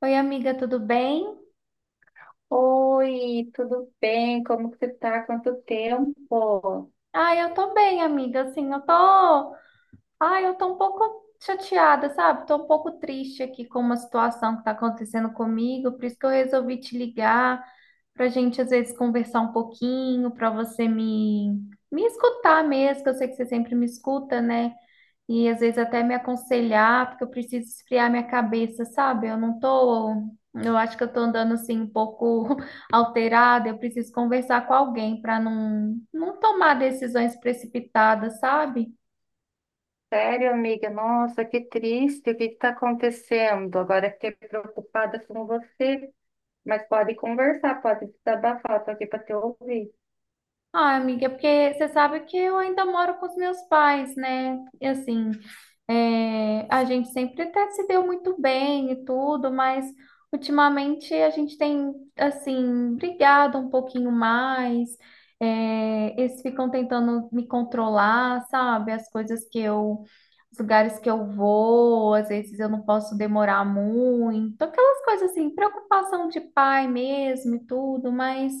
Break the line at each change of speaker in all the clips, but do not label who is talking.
Oi, amiga, tudo bem?
Oi, tudo bem? Como que você tá? Quanto tempo?
Eu tô bem, amiga. Assim, eu tô um pouco chateada, sabe? Tô um pouco triste aqui com uma situação que tá acontecendo comigo, por isso que eu resolvi te ligar, pra gente às vezes conversar um pouquinho, pra você me escutar mesmo, que eu sei que você sempre me escuta, né? E às vezes até me aconselhar, porque eu preciso esfriar minha cabeça, sabe? Eu não tô, Eu acho que eu tô andando assim um pouco alterada, eu preciso conversar com alguém para não tomar decisões precipitadas, sabe?
Sério, amiga? Nossa, que triste. O que está acontecendo? Agora fiquei preocupada com você, mas pode conversar, pode desabafar. Estou aqui para te ouvir.
Ah, amiga, é porque você sabe que eu ainda moro com os meus pais, né? E assim, é, a gente sempre até se deu muito bem e tudo, mas ultimamente a gente tem, assim, brigado um pouquinho mais. É, eles ficam tentando me controlar, sabe? As coisas que eu, os lugares que eu vou, às vezes eu não posso demorar muito, aquelas coisas assim, preocupação de pai mesmo e tudo, mas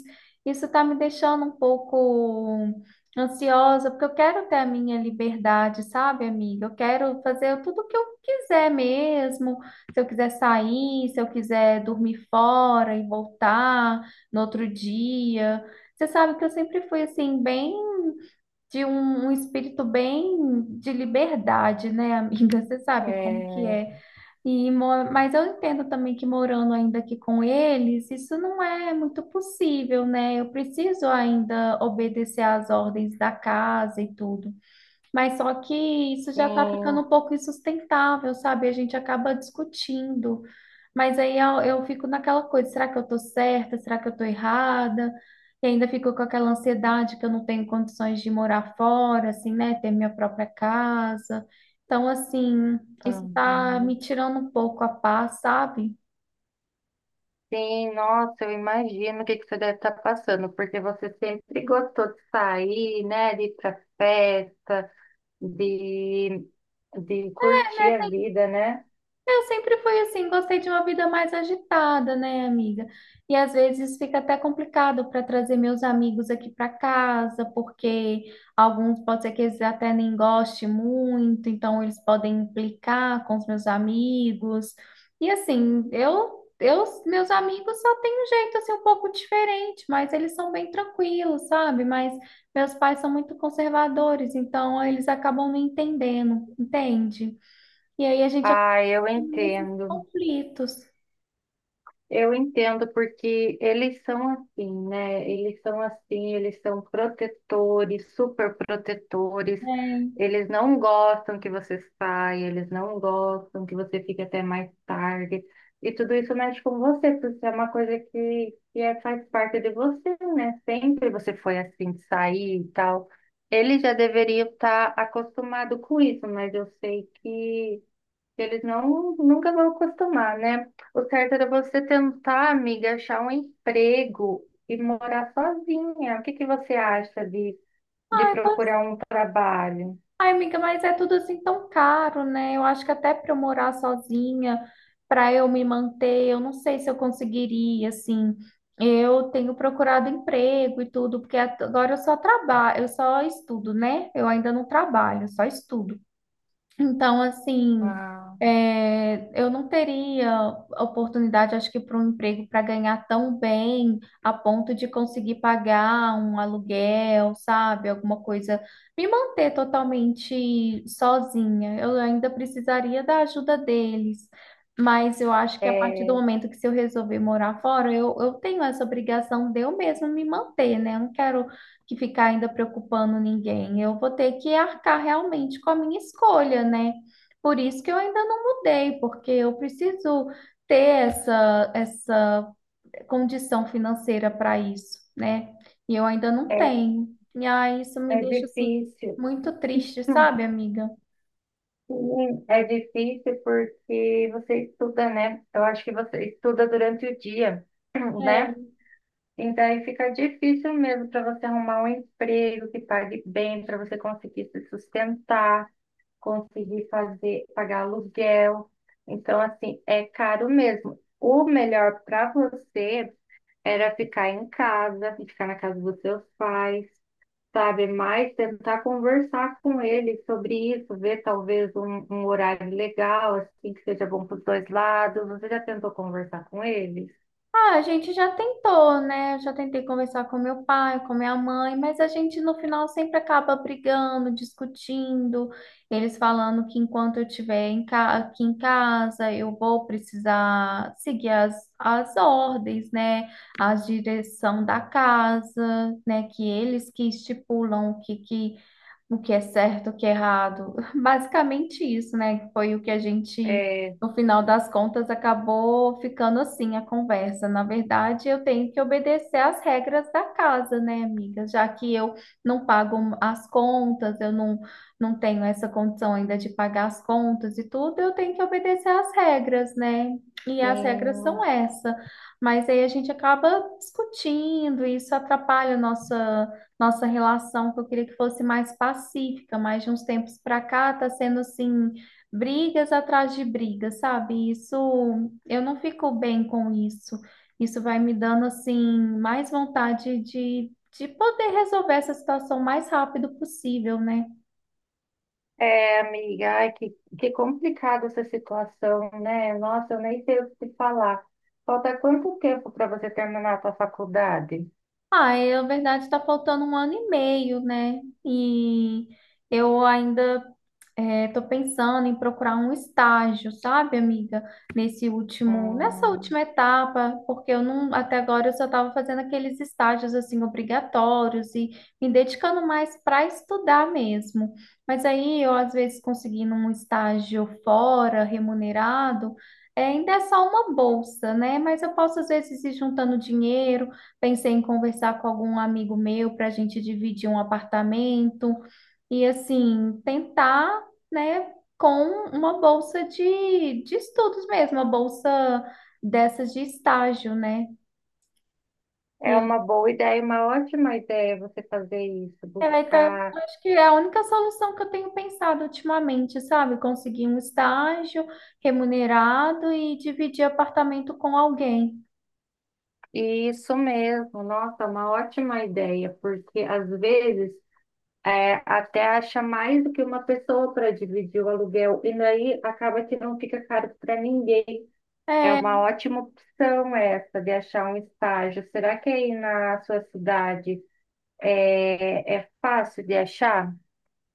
isso tá me deixando um pouco ansiosa, porque eu quero ter a minha liberdade, sabe, amiga? Eu quero fazer tudo o que eu quiser mesmo. Se eu quiser sair, se eu quiser dormir fora e voltar no outro dia. Você sabe que eu sempre fui assim, bem de um espírito bem de liberdade, né, amiga? Você sabe como que
É,
é. Mas eu entendo também que morando ainda aqui com eles, isso não é muito possível, né? Eu preciso ainda obedecer às ordens da casa e tudo. Mas só que isso já está ficando
sim,
um pouco insustentável, sabe? A gente acaba discutindo. Mas eu fico naquela coisa, será que eu estou certa? Será que eu estou errada? E ainda fico com aquela ansiedade que eu não tenho condições de morar fora, assim, né? Ter minha própria casa. Então, assim, isso está
uhum.
me tirando um pouco a paz, sabe?
Sim, nossa, eu imagino o que que você deve estar passando, porque você sempre gostou de sair, né? De ir para festa, de, de
É,
curtir a
né?
vida, né?
Eu sempre fui assim, gostei de uma vida mais agitada, né, amiga? E às vezes fica até complicado para trazer meus amigos aqui para casa, porque alguns pode ser que eles até nem gostem muito, então eles podem implicar com os meus amigos. E assim, meus amigos só têm um jeito assim um pouco diferente, mas eles são bem tranquilos, sabe? Mas meus pais são muito conservadores, então eles acabam me entendendo, entende? E aí a gente
Ah, eu
nesses
entendo.
conflitos.
Eu entendo porque eles são assim, né? Eles são assim, eles são protetores, super protetores.
Né?
Eles não gostam que você saia, eles não gostam que você fique até mais tarde. E tudo isso mexe com você, porque é uma coisa que é, faz parte de você, né? Sempre você foi assim, de sair e tal. Ele já deveria estar acostumado com isso, mas eu sei que eles não, nunca vão acostumar, né? O certo era você tentar, amiga, achar um emprego e morar sozinha. O que que você acha de
Ai,
procurar um trabalho?
ai, amiga, mas é tudo assim tão caro, né? Eu acho que até para eu morar sozinha, para eu me manter, eu não sei se eu conseguiria, assim. Eu tenho procurado emprego e tudo, porque agora eu só trabalho, eu só estudo, né? Eu ainda não trabalho, eu só estudo. Então, assim,
Ah,
é, eu não teria oportunidade, acho que, para um emprego para ganhar tão bem a ponto de conseguir pagar um aluguel, sabe? Alguma coisa, me manter totalmente sozinha. Eu ainda precisaria da ajuda deles. Mas eu acho que a partir do
é,
momento que se eu resolver morar fora, eu tenho essa obrigação de eu mesma me manter, né? Eu não quero que ficar ainda preocupando ninguém. Eu vou ter que arcar realmente com a minha escolha, né? Por isso que eu ainda não mudei, porque eu preciso ter essa condição financeira para isso, né? E eu ainda não tenho. E aí isso me
é
deixa assim
difícil.
muito triste,
Hum,
sabe, amiga?
Sim, é difícil porque você estuda, né? Eu acho que você estuda durante o dia, né?
É,
E daí fica difícil mesmo para você arrumar um emprego que pague bem, para você conseguir se sustentar, conseguir fazer, pagar aluguel. Então, assim, é caro mesmo. O melhor para você era ficar em casa, ficar na casa dos seus pais, sabe? Mas tentar conversar com eles sobre isso, ver talvez um horário legal, assim, que seja bom para os dois lados. Você já tentou conversar com eles?
ah, a gente já tentou, né? Eu já tentei conversar com meu pai, com minha mãe, mas a gente no final sempre acaba brigando, discutindo, eles falando que enquanto eu estiver aqui em casa, eu vou precisar seguir as ordens, né? A direção da casa, né? Que eles que estipulam que o que é certo, o que é errado. Basicamente isso, né? Foi o que a gente,
É,
no final das contas, acabou ficando assim a conversa. Na verdade, eu tenho que obedecer às regras da casa, né, amiga? Já que eu não pago as contas, eu não, não tenho essa condição ainda de pagar as contas e tudo, eu tenho que obedecer às regras, né? E as regras são
sim.
essa. Mas aí a gente acaba discutindo, e isso atrapalha a nossa relação, que eu queria que fosse mais pacífica, mas de uns tempos para cá tá sendo assim, brigas atrás de brigas, sabe? Isso, eu não fico bem com isso. Isso vai me dando assim mais vontade de poder resolver essa situação o mais rápido possível, né?
É, amiga, ai, que complicada essa situação, né? Nossa, eu nem sei o que te falar. Falta quanto tempo para você terminar a sua faculdade?
Ai, a verdade está faltando um ano e meio, né? E eu ainda estou pensando em procurar um estágio, sabe, amiga? Nessa
Hum,
última etapa, porque eu não, até agora eu só estava fazendo aqueles estágios assim obrigatórios e me dedicando mais para estudar mesmo. Mas aí eu às vezes conseguindo um estágio fora, remunerado, é, ainda é só uma bolsa, né? Mas eu posso às vezes ir juntando dinheiro. Pensei em conversar com algum amigo meu para a gente dividir um apartamento e, assim, tentar, né, com uma bolsa de estudos mesmo, uma bolsa dessas de estágio, né? E
é
aí,
uma boa ideia, uma ótima ideia você fazer isso,
é, tá-
buscar.
acho que é a única solução que eu tenho pensado ultimamente, sabe? Conseguir um estágio remunerado e dividir apartamento com alguém.
Isso mesmo, nossa, uma ótima ideia, porque às vezes é, até acha mais do que uma pessoa para dividir o aluguel, e daí acaba que não fica caro para ninguém. É
É,
uma ótima opção essa de achar um estágio. Será que aí na sua cidade é, é fácil de achar?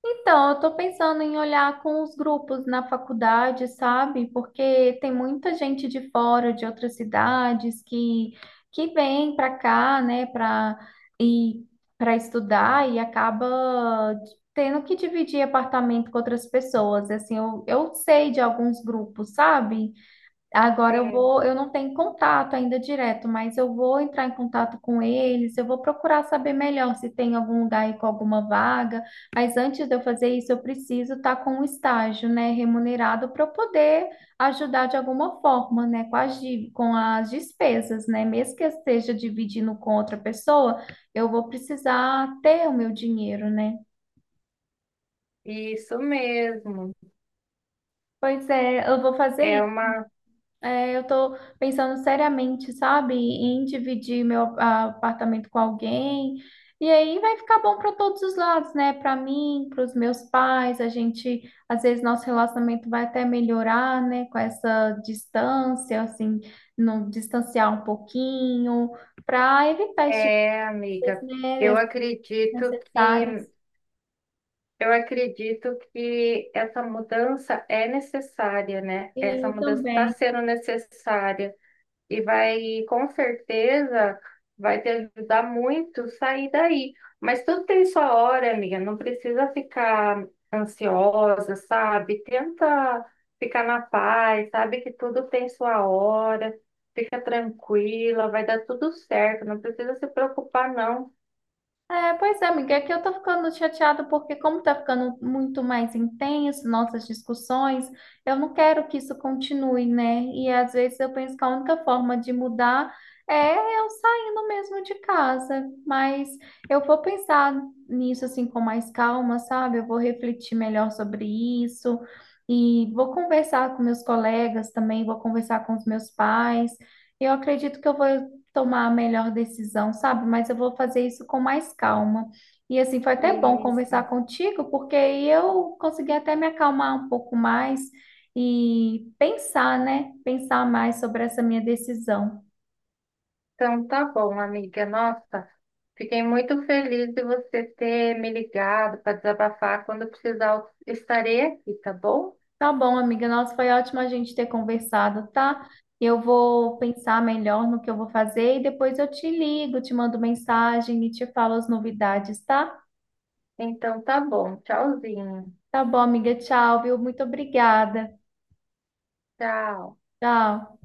então, eu estou pensando em olhar com os grupos na faculdade, sabe? Porque tem muita gente de fora, de outras cidades, que vem para cá, né, e para estudar e acaba tendo que dividir apartamento com outras pessoas. Assim, eu sei de alguns grupos, sabe? Agora
Sim,
eu não tenho contato ainda direto, mas eu vou entrar em contato com eles, eu vou procurar saber melhor se tem algum lugar aí com alguma vaga, mas antes de eu fazer isso, eu preciso estar com um estágio, né, remunerado para eu poder ajudar de alguma forma, né, com com as despesas, né, mesmo que eu esteja dividindo com outra pessoa, eu vou precisar ter o meu dinheiro, né?
isso mesmo.
Pois é, eu vou
É
fazer
uma,
é, eu tô pensando seriamente, sabe, em dividir apartamento com alguém. E aí vai ficar bom para todos os lados, né? Para mim, para os meus pais, a gente, às vezes nosso relacionamento vai até melhorar, né? Com essa distância, assim, não distanciar um pouquinho, para evitar esse tipo
é,
de coisa,
amiga, eu
né?
acredito que
Desnecessárias.
essa mudança é necessária, né?
E
Essa
aí
mudança está
também.
sendo necessária. E vai, com certeza, vai te ajudar muito sair daí. Mas tudo tem sua hora, amiga, não precisa ficar ansiosa, sabe? Tenta ficar na paz, sabe que tudo tem sua hora, fica tranquila, vai dar tudo certo, não precisa se preocupar, não.
É, pois é, amiga, aqui eu tô ficando chateada porque como tá ficando muito mais intenso nossas discussões, eu não quero que isso continue, né? E às vezes eu penso que a única forma de mudar é eu saindo mesmo de casa, mas eu vou pensar nisso assim com mais calma, sabe? Eu vou refletir melhor sobre isso e vou conversar com meus colegas também, vou conversar com os meus pais. Eu acredito que eu vou tomar a melhor decisão, sabe? Mas eu vou fazer isso com mais calma. E assim, foi até bom conversar
Isso.
contigo, porque aí eu consegui até me acalmar um pouco mais e pensar, né? Pensar mais sobre essa minha decisão.
Então tá bom, amiga. Nossa, fiquei muito feliz de você ter me ligado para desabafar. Quando precisar, eu estarei aqui, tá bom?
Tá bom, amiga. Nossa, foi ótimo a gente ter conversado, tá? Eu vou pensar melhor no que eu vou fazer e depois eu te ligo, te mando mensagem e te falo as novidades, tá?
Então tá bom. Tchauzinho.
Tá bom, amiga. Tchau, viu? Muito obrigada.
Tchau.
Tchau.